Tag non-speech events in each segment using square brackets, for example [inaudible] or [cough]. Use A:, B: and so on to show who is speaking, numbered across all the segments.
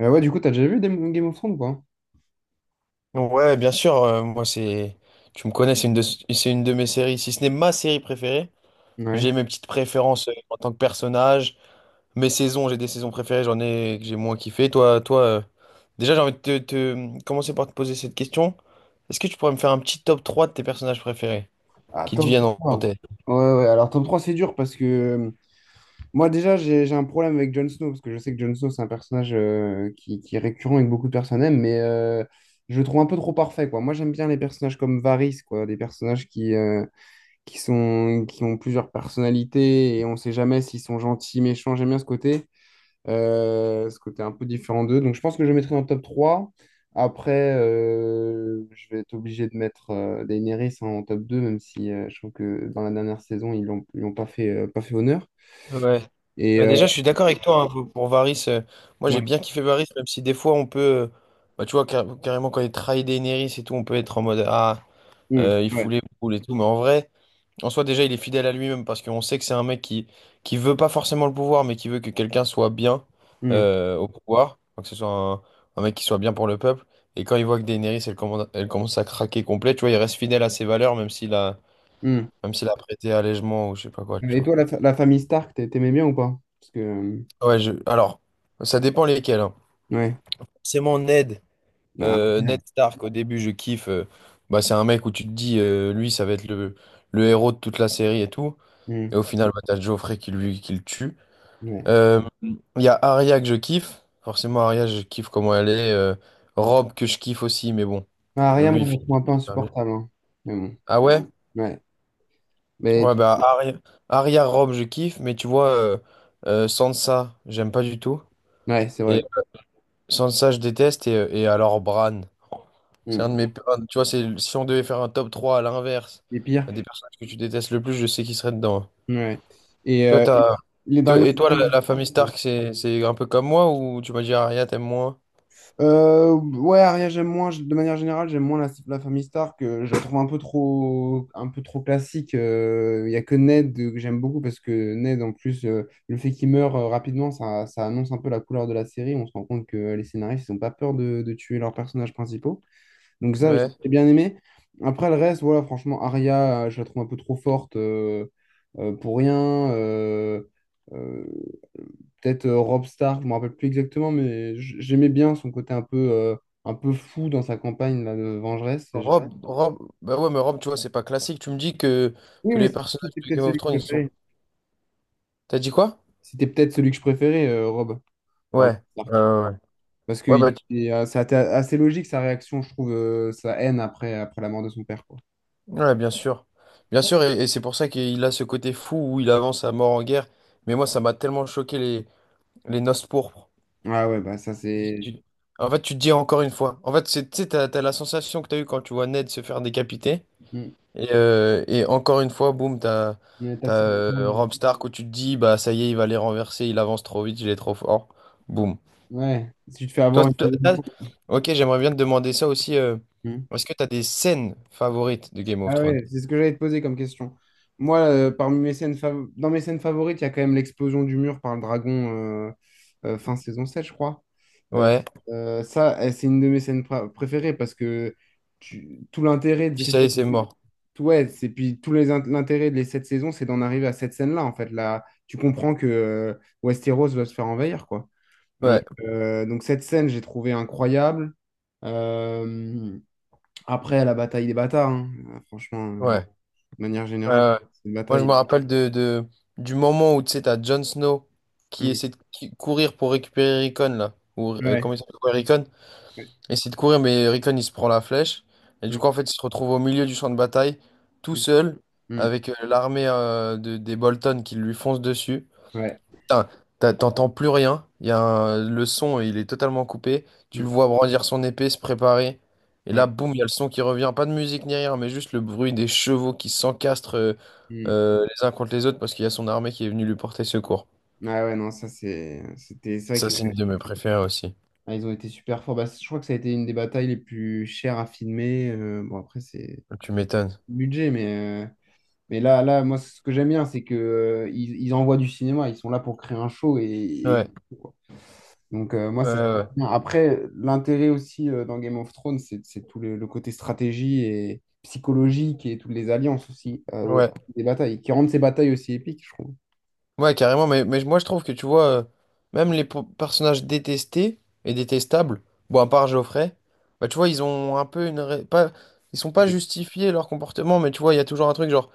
A: Ouais, du coup, t'as déjà vu Game of Thrones ou pas?
B: Ouais, bien sûr, moi c'est... Tu me connais, c'est une de mes séries, si ce n'est ma série préférée.
A: Ouais.
B: J'ai mes petites préférences en tant que personnage, mes saisons, j'ai des saisons préférées, j'en ai que j'ai moins kiffé. Toi, déjà j'ai envie de commencer par te poser cette question. Est-ce que tu pourrais me faire un petit top 3 de tes personnages préférés
A: Ah,
B: qui te
A: top
B: viennent en
A: trois.
B: en tête?
A: Ouais, ouais, alors top trois, c'est dur parce que moi, déjà, j'ai un problème avec Jon Snow parce que je sais que Jon Snow, c'est un personnage, qui est récurrent et que beaucoup de personnes aiment, mais je le trouve un peu trop parfait, quoi. Moi, j'aime bien les personnages comme Varys, quoi, des personnages qui, qui ont plusieurs personnalités et on sait jamais s'ils sont gentils, méchants. J'aime bien ce côté. Ce côté un peu différent d'eux. Donc, je pense que je le mettrai dans le top trois. Après, je vais être obligé de mettre Daenerys en top deux, même si je trouve que dans la dernière saison, ils l'ont pas fait, pas fait honneur.
B: Ouais.
A: Et
B: Bah
A: euh,
B: déjà, je suis d'accord avec toi hein, pour Varys. Moi, j'ai
A: ouais.
B: bien kiffé Varys, même si des fois, on peut. Bah, tu vois, carrément, quand il trahit Daenerys et tout, on peut être en mode. Ah,
A: Mmh,
B: Il
A: ouais.
B: fout les boules et tout, mais en vrai, en soi déjà il est fidèle à lui-même parce qu'on sait que c'est un mec qui veut pas forcément le pouvoir, mais qui veut que quelqu'un soit bien
A: Mmh,
B: au pouvoir. Enfin, que ce soit un mec qui soit bien pour le peuple. Et quand il voit que Daenerys elle commence à craquer complet, tu vois, il reste fidèle à ses valeurs
A: mmh.
B: même s'il a prêté allègement ou je sais pas quoi,
A: Euh,
B: tu
A: Et
B: vois.
A: toi, la, la famille Stark, t'aimais bien ou pas? Parce que,
B: Ouais, alors ça dépend lesquels. Hein.
A: ouais.
B: C'est mon Ned,
A: Ah,
B: Ned Stark au début je kiffe. Bah c'est un mec où tu te dis lui ça va être le héros de toute la série et tout.
A: mmh,
B: Et au final, bah, t'as Geoffrey qui le tue.
A: ouais.
B: Euh, Il y a Arya que je kiffe. Forcément, Arya, je kiffe comment elle est. Rob que je kiffe aussi, mais bon,
A: Ah, Arya, moi,
B: lui, il
A: je la
B: finit
A: trouve un peu
B: super bien.
A: insupportable, hein. Mais bon,
B: Ah ouais?
A: ouais. Mais,
B: Ouais, bah Arya, Rob, je kiffe, mais tu vois, Sansa, j'aime pas du tout.
A: ouais, c'est vrai.
B: Et Sansa, je déteste. Et alors, Bran, c'est un de mes.
A: Mmh.
B: Un- tu vois, c'est, si on devait faire un top 3 à l'inverse
A: Les pires.
B: des personnages que tu détestes le plus, je sais qui serait dedans.
A: Ouais. Et
B: Toi,
A: euh,
B: t'as...
A: il est dans les
B: Et toi,
A: scènes.
B: la famille Stark, c'est un peu comme moi ou tu m'as dit Arya, t'aimes moins?
A: Ouais, Arya, j'aime moins, de manière générale, j'aime moins la famille Stark. Je la trouve un peu trop classique. Il n'y a que Ned, que j'aime beaucoup, parce que Ned, en plus, le fait qu'il meure rapidement, ça annonce un peu la couleur de la série. On se rend compte que les scénaristes n'ont pas peur de tuer leurs personnages principaux. Donc ça,
B: Ouais. Ouais.
A: j'ai bien aimé. Après, le reste, voilà, franchement, Arya, je la trouve un peu trop forte, pour rien. Euh, Peut-être, Robb Stark, je me rappelle plus exactement, mais j'aimais bien son côté un peu fou dans sa campagne là, de vengeresse.
B: Rob, bah ouais, mais Rob, tu vois, c'est pas classique. Tu me dis
A: Oui,
B: que
A: mais
B: les personnages
A: c'était
B: de
A: peut-être
B: Game of
A: celui que
B: Thrones,
A: je
B: ils sont.
A: préférais.
B: T'as dit quoi?
A: C'était peut-être celui que je préférais, Robb, parmi les
B: Ouais.
A: Stark.
B: Ouais.
A: Parce que
B: Ouais,
A: c'était assez logique, sa réaction, je trouve, sa haine après la mort de son père, quoi.
B: ouais, bien sûr. Bien sûr, et c'est pour ça qu'il a ce côté fou où il avance à mort en guerre. Mais moi, ça m'a tellement choqué les noces pourpres.
A: Ah ouais, bah, ça c'est...
B: Tu- En fait, tu te dis encore une fois. En fait, c'est, tu sais, t'as la sensation que t'as eue quand tu vois Ned se faire décapiter.
A: Mm.
B: Et encore une fois, boum,
A: Il y a un
B: t'as
A: personnage.
B: Robb Stark où tu te dis, bah ça y est, il va les renverser, il avance trop vite, il est trop fort. Boum.
A: Ouais, si tu te fais
B: Toi,
A: avoir une
B: toi,
A: deuxième
B: t'as-
A: fois.
B: ok, j'aimerais bien te demander ça aussi.
A: Hmm.
B: Est-ce que t'as des scènes favorites de Game of
A: Ah
B: Thrones?
A: ouais, c'est ce que j'allais te poser comme question. Moi, parmi mes dans mes scènes favorites, il y a quand même l'explosion du mur par le dragon, fin saison 7, je crois. Euh,
B: Ouais.
A: Ça, c'est une de mes scènes préférées, parce que tout l'intérêt de
B: Dis
A: ces
B: ça y est,
A: sept...
B: c'est mort.
A: Ouais, c'est, puis tout l'intérêt de les sept saisons, c'est d'en arriver à cette scène-là, en fait. Là, tu comprends que Westeros va se faire envahir, quoi. Ouais.
B: Ouais,
A: Donc cette scène, j'ai trouvé incroyable. Euh, Après, la bataille des bâtards, hein. Franchement,
B: ouais,
A: de manière
B: ouais,
A: générale,
B: ouais.
A: c'est une
B: Moi, je
A: bataille.
B: me rappelle du moment où tu sais, t'as Jon Snow qui
A: Mm.
B: essaie de qui- courir pour récupérer Rickon, là. Ou,
A: Ouais.
B: comment il s'appelle? Ouais, Rickon?
A: Ouais.
B: Essaie de courir, mais Rickon, il se prend la flèche. Et du
A: Mm,
B: coup, en fait, il se retrouve au milieu du champ de bataille, tout
A: mm,
B: seul,
A: mm.
B: avec l'armée des Bolton qui lui fonce dessus.
A: Ouais.
B: Putain, t'entends plus rien. Il y a un- Le son, il est totalement coupé. Tu
A: Mm.
B: le vois brandir son épée, se préparer. Et
A: Ouais.
B: là, boum, il y a le son qui revient. Pas de musique ni rien, mais juste le bruit des chevaux qui s'encastrent
A: Mm.
B: les uns contre les autres parce qu'il y a son armée qui est venue lui porter secours.
A: Ah ouais, non, ça c'est c'était ça
B: Ça,
A: que
B: c'est une de mes préférées aussi.
A: ah, ils ont été super forts. Bah, je crois que ça a été une des batailles les plus chères à filmer. Bon, après, c'est
B: Tu m'étonnes.
A: le budget, mais là, moi, ce que j'aime bien, c'est que ils envoient du cinéma, ils sont là pour créer un show, et
B: Ouais,
A: donc, moi,
B: ouais,
A: c'est
B: ouais.
A: bien. Après, l'intérêt aussi, dans Game of Thrones, c'est tout le côté stratégie et psychologique, et toutes les alliances aussi,
B: Ouais.
A: des batailles, qui rendent ces batailles aussi épiques, je trouve.
B: Ouais, carrément, mais moi je trouve que tu vois, même les personnages détestés et détestables, bon, à part Geoffrey, bah tu vois, ils ont un peu une. Ré- Pas, ils sont pas justifiés leur comportement, mais tu vois, il y a toujours un truc genre.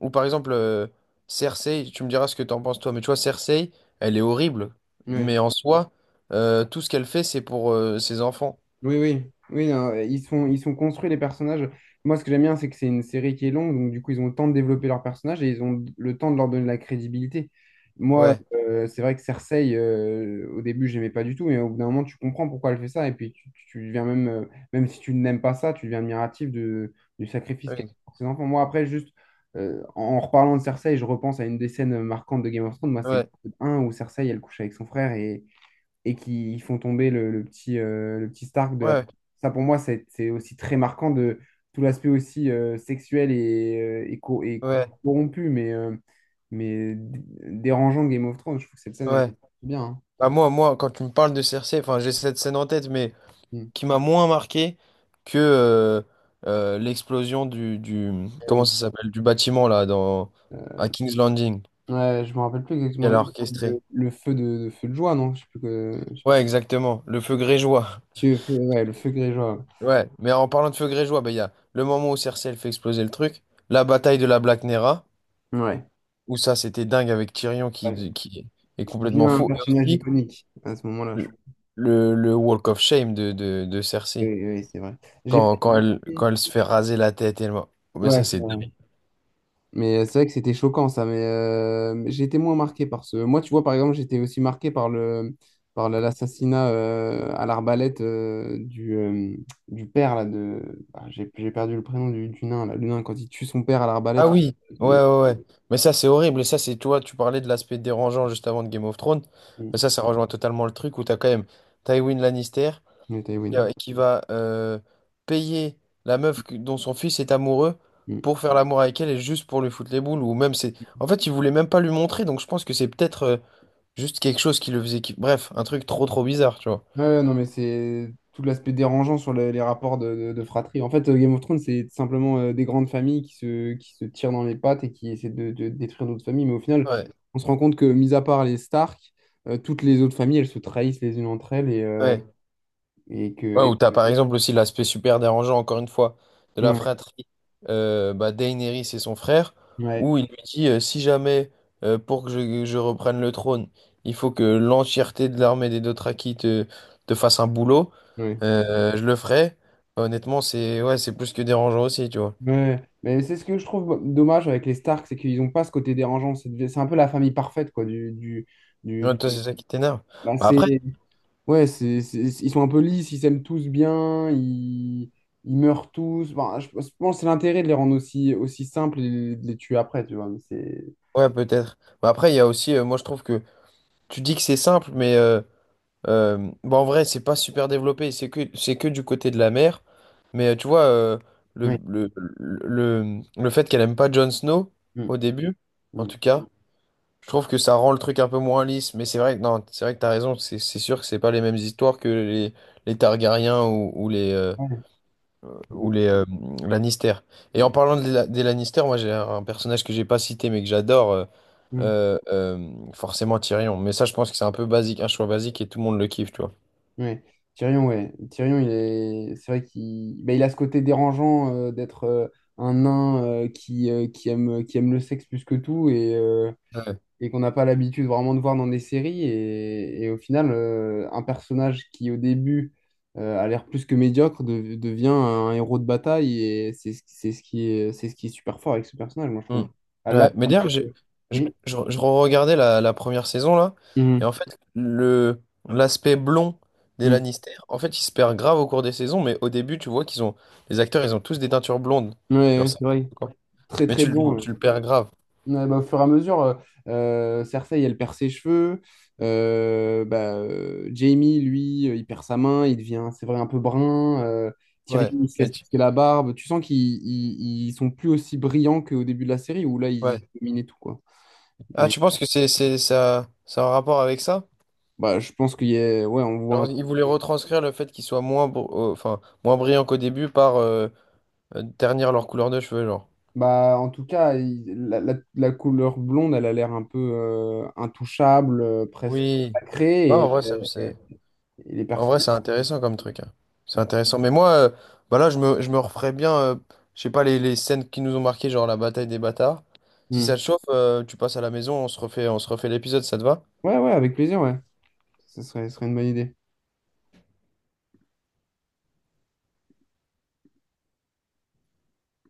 B: Ou par exemple, Cersei, tu me diras ce que t'en penses toi, mais tu vois, Cersei, elle est horrible,
A: Ouais.
B: mais en soi, tout ce qu'elle fait, c'est pour ses enfants.
A: Oui, oui, oui, non, ils sont construits, les personnages. Moi, ce que j'aime bien, c'est que c'est une série qui est longue, donc du coup, ils ont le temps de développer leurs personnages et ils ont le temps de leur donner de la crédibilité. Moi,
B: Ouais,
A: c'est vrai que Cersei, au début, j'aimais pas du tout, mais au bout d'un moment, tu comprends pourquoi elle fait ça, et puis tu deviens même, même si tu n'aimes pas ça, tu deviens admiratif du sacrifice qu'elle
B: ouais,
A: fait pour ses enfants. Moi, après, juste en reparlant de Cersei, je repense à une des scènes marquantes de Game of Thrones. Moi, c'est
B: ouais,
A: l'épisode 1 où Cersei, elle couche avec son frère, et qui font tomber le petit Stark de la...
B: ouais,
A: Ça, pour moi, c'est aussi très marquant de tout l'aspect aussi, sexuel, et
B: ouais.
A: corrompu, mais dérangeant de Game of Thrones. Je trouve que cette scène, elle est
B: Ouais.
A: bien, hein.
B: Bah moi, moi, quand tu me parles de Cersei, enfin, j'ai cette scène en tête, mais.
A: Mm.
B: Qui m'a moins marqué que l'explosion du
A: Ah
B: comment
A: oui.
B: ça s'appelle du bâtiment là dans à King's Landing
A: Ouais, je me rappelle plus
B: qu'elle
A: exactement
B: a Oui. orchestré.
A: le feu de joie, non? Je sais plus que... je sais plus.
B: Ouais, exactement, le feu grégeois. [laughs]
A: Ouais, le feu Greyjoy.
B: Ouais, mais en parlant de feu grégeois, bah, il y a le moment où Cersei elle fait exploser le truc, la bataille de la Black Nera
A: Ouais.
B: où ça c'était dingue avec Tyrion
A: Ouais.
B: qui est
A: Qui devient
B: complètement
A: un
B: fou et
A: personnage
B: aussi
A: iconique à ce moment-là, je
B: le,
A: crois.
B: le Walk of Shame de
A: Oui,
B: Cersei
A: oui, c'est vrai. J'ai pas...
B: quand elle se fait raser la tête elle m'a- mais ça
A: Ouais.
B: c'est
A: Mais c'est vrai que c'était choquant, ça, mais j'ai été moins marqué par ce. Moi, tu vois, par exemple, j'étais aussi marqué par l'assassinat, à l'arbalète, du père là de. Ah, j'ai perdu le prénom du nain là. Le nain, quand il tue son père à
B: Ah
A: l'arbalète.
B: oui, ouais,
A: Le...
B: ouais, ouais. Mais ça, c'est horrible. Et ça, c'est, tu vois, tu parlais de l'aspect dérangeant juste avant de Game of Thrones. Mais
A: Mm.
B: ça rejoint totalement le truc où t'as quand même Tywin Lannister
A: Le Tywin.
B: qui va payer la meuf dont son fils est amoureux
A: Mm.
B: pour faire l'amour avec elle et juste pour lui foutre les boules. Ou même, c'est. En fait, il voulait même pas lui montrer. Donc, je pense que c'est peut-être juste quelque chose qui le faisait. Bref, un truc trop bizarre, tu vois.
A: Ouais, ouais, non, mais c'est tout l'aspect dérangeant sur les rapports de fratrie. En fait, Game of Thrones, c'est simplement des grandes familles qui se tirent dans les pattes et qui essaient de détruire d'autres familles. Mais au final,
B: Ouais,
A: on se rend compte que, mis à part les Stark, toutes les autres familles, elles se trahissent les unes entre elles,
B: ouais.
A: et que...
B: Ouais, ou t'as par exemple aussi l'aspect super dérangeant, encore une fois, de la
A: ouais,
B: fratrie. Bah, Daenerys et son frère,
A: ouais,
B: où il lui dit si jamais, pour que je reprenne le trône, il faut que l'entièreté de l'armée des Dothraki te fasse un boulot,
A: ouais.
B: je le ferai. Honnêtement, c'est ouais, c'est plus que dérangeant aussi, tu vois.
A: Ouais. Ouais. Mais c'est ce que je trouve dommage avec les Stark, c'est qu'ils n'ont pas ce côté dérangeant. C'est un peu la famille parfaite, quoi, du, du, du,
B: Ouais,
A: du
B: toi, c'est ça qui t'énerve. Bah, après,
A: passé. Ouais, ils sont un peu lisses, ils s'aiment tous bien, ils meurent tous. Enfin, je pense que c'est l'intérêt de les rendre aussi, aussi simples, et de les tuer après, tu vois. Mais c'est...
B: ouais, peut-être. Bah, après, il y a aussi, moi, je trouve que tu dis que c'est simple, mais. Bah en vrai, c'est pas super développé, c'est que du côté de la mer. Mais tu vois, le,
A: Ouais.
B: le, le fait qu'elle aime pas Jon Snow
A: Mm,
B: au début, en
A: mm.
B: tout cas, je trouve que ça rend le truc un peu moins lisse. Mais c'est vrai que non, c'est vrai que t'as raison, c'est sûr que c'est pas les mêmes histoires que les Targaryens ou
A: Ouais. Mm,
B: les Lannister. Et en parlant de des Lannister, moi j'ai un personnage que j'ai pas cité mais que j'adore,
A: mm.
B: forcément Tyrion. Mais ça, je pense que c'est un peu basique, un choix basique et tout le monde le kiffe, tu vois.
A: Ouais. Tyrion, ouais. Tyrion, il est... c'est vrai qu'il ben, il a ce côté dérangeant, d'être, un nain, qui, qui aime le sexe plus que tout. Et, euh,
B: Ouais.
A: et qu'on n'a pas l'habitude vraiment de voir dans des séries. Et au final, un personnage qui au début a l'air plus que médiocre, devient un héros de bataille, et c'est ce qui est super fort avec ce personnage, moi je
B: Mm.
A: trouve. Ah, là,
B: Ouais, mais d'ailleurs, je,
A: oui.
B: je regardais la première saison là, et
A: Mhm.
B: en fait, le l'aspect blond des
A: Mhm.
B: Lannister, en fait, il se perd grave au cours des saisons, mais au début, tu vois qu'ils ont les acteurs, ils ont tous des teintures blondes.
A: Ouais,
B: Genre
A: ouais,
B: ça.
A: c'est vrai.
B: Quoi.
A: Très
B: Mais
A: très bon. Ouais.
B: tu le perds grave.
A: Ouais, bah, au fur et à mesure, Cersei, elle perd ses cheveux. Bah, Jamie, lui, il perd sa main, il devient, c'est vrai, un peu brun.
B: Ouais.
A: Tyrion, il se
B: Mais
A: laisse
B: tu-
A: pousser la barbe. Tu sens qu'ils ils, ils sont plus aussi brillants qu'au début de la série, où là, ils
B: ouais.
A: dominaient tout, quoi.
B: Ah,
A: Mais
B: tu penses que c'est ça a un rapport avec ça?
A: bah, je pense qu'il y a... Ouais, on voit
B: Genre, ils voulaient retranscrire le fait qu'ils soient moins enfin moins brillants qu'au début par ternir leur couleur de cheveux, genre.
A: bah, en tout cas, la couleur blonde, elle a l'air un peu, intouchable, presque
B: Oui. Ouais,
A: sacrée,
B: en vrai, ça, c'est.
A: et- et les
B: En
A: personnes...
B: vrai, c'est intéressant comme truc. Hein. C'est intéressant. Mais moi, bah là, je me referais bien, je sais pas, les scènes qui nous ont marqué, genre la bataille des bâtards. Si ça
A: Hmm.
B: te chauffe, tu passes à la maison, on se refait l'épisode, ça te va?
A: Ouais, ouais, avec plaisir, ouais. Ce serait une bonne idée.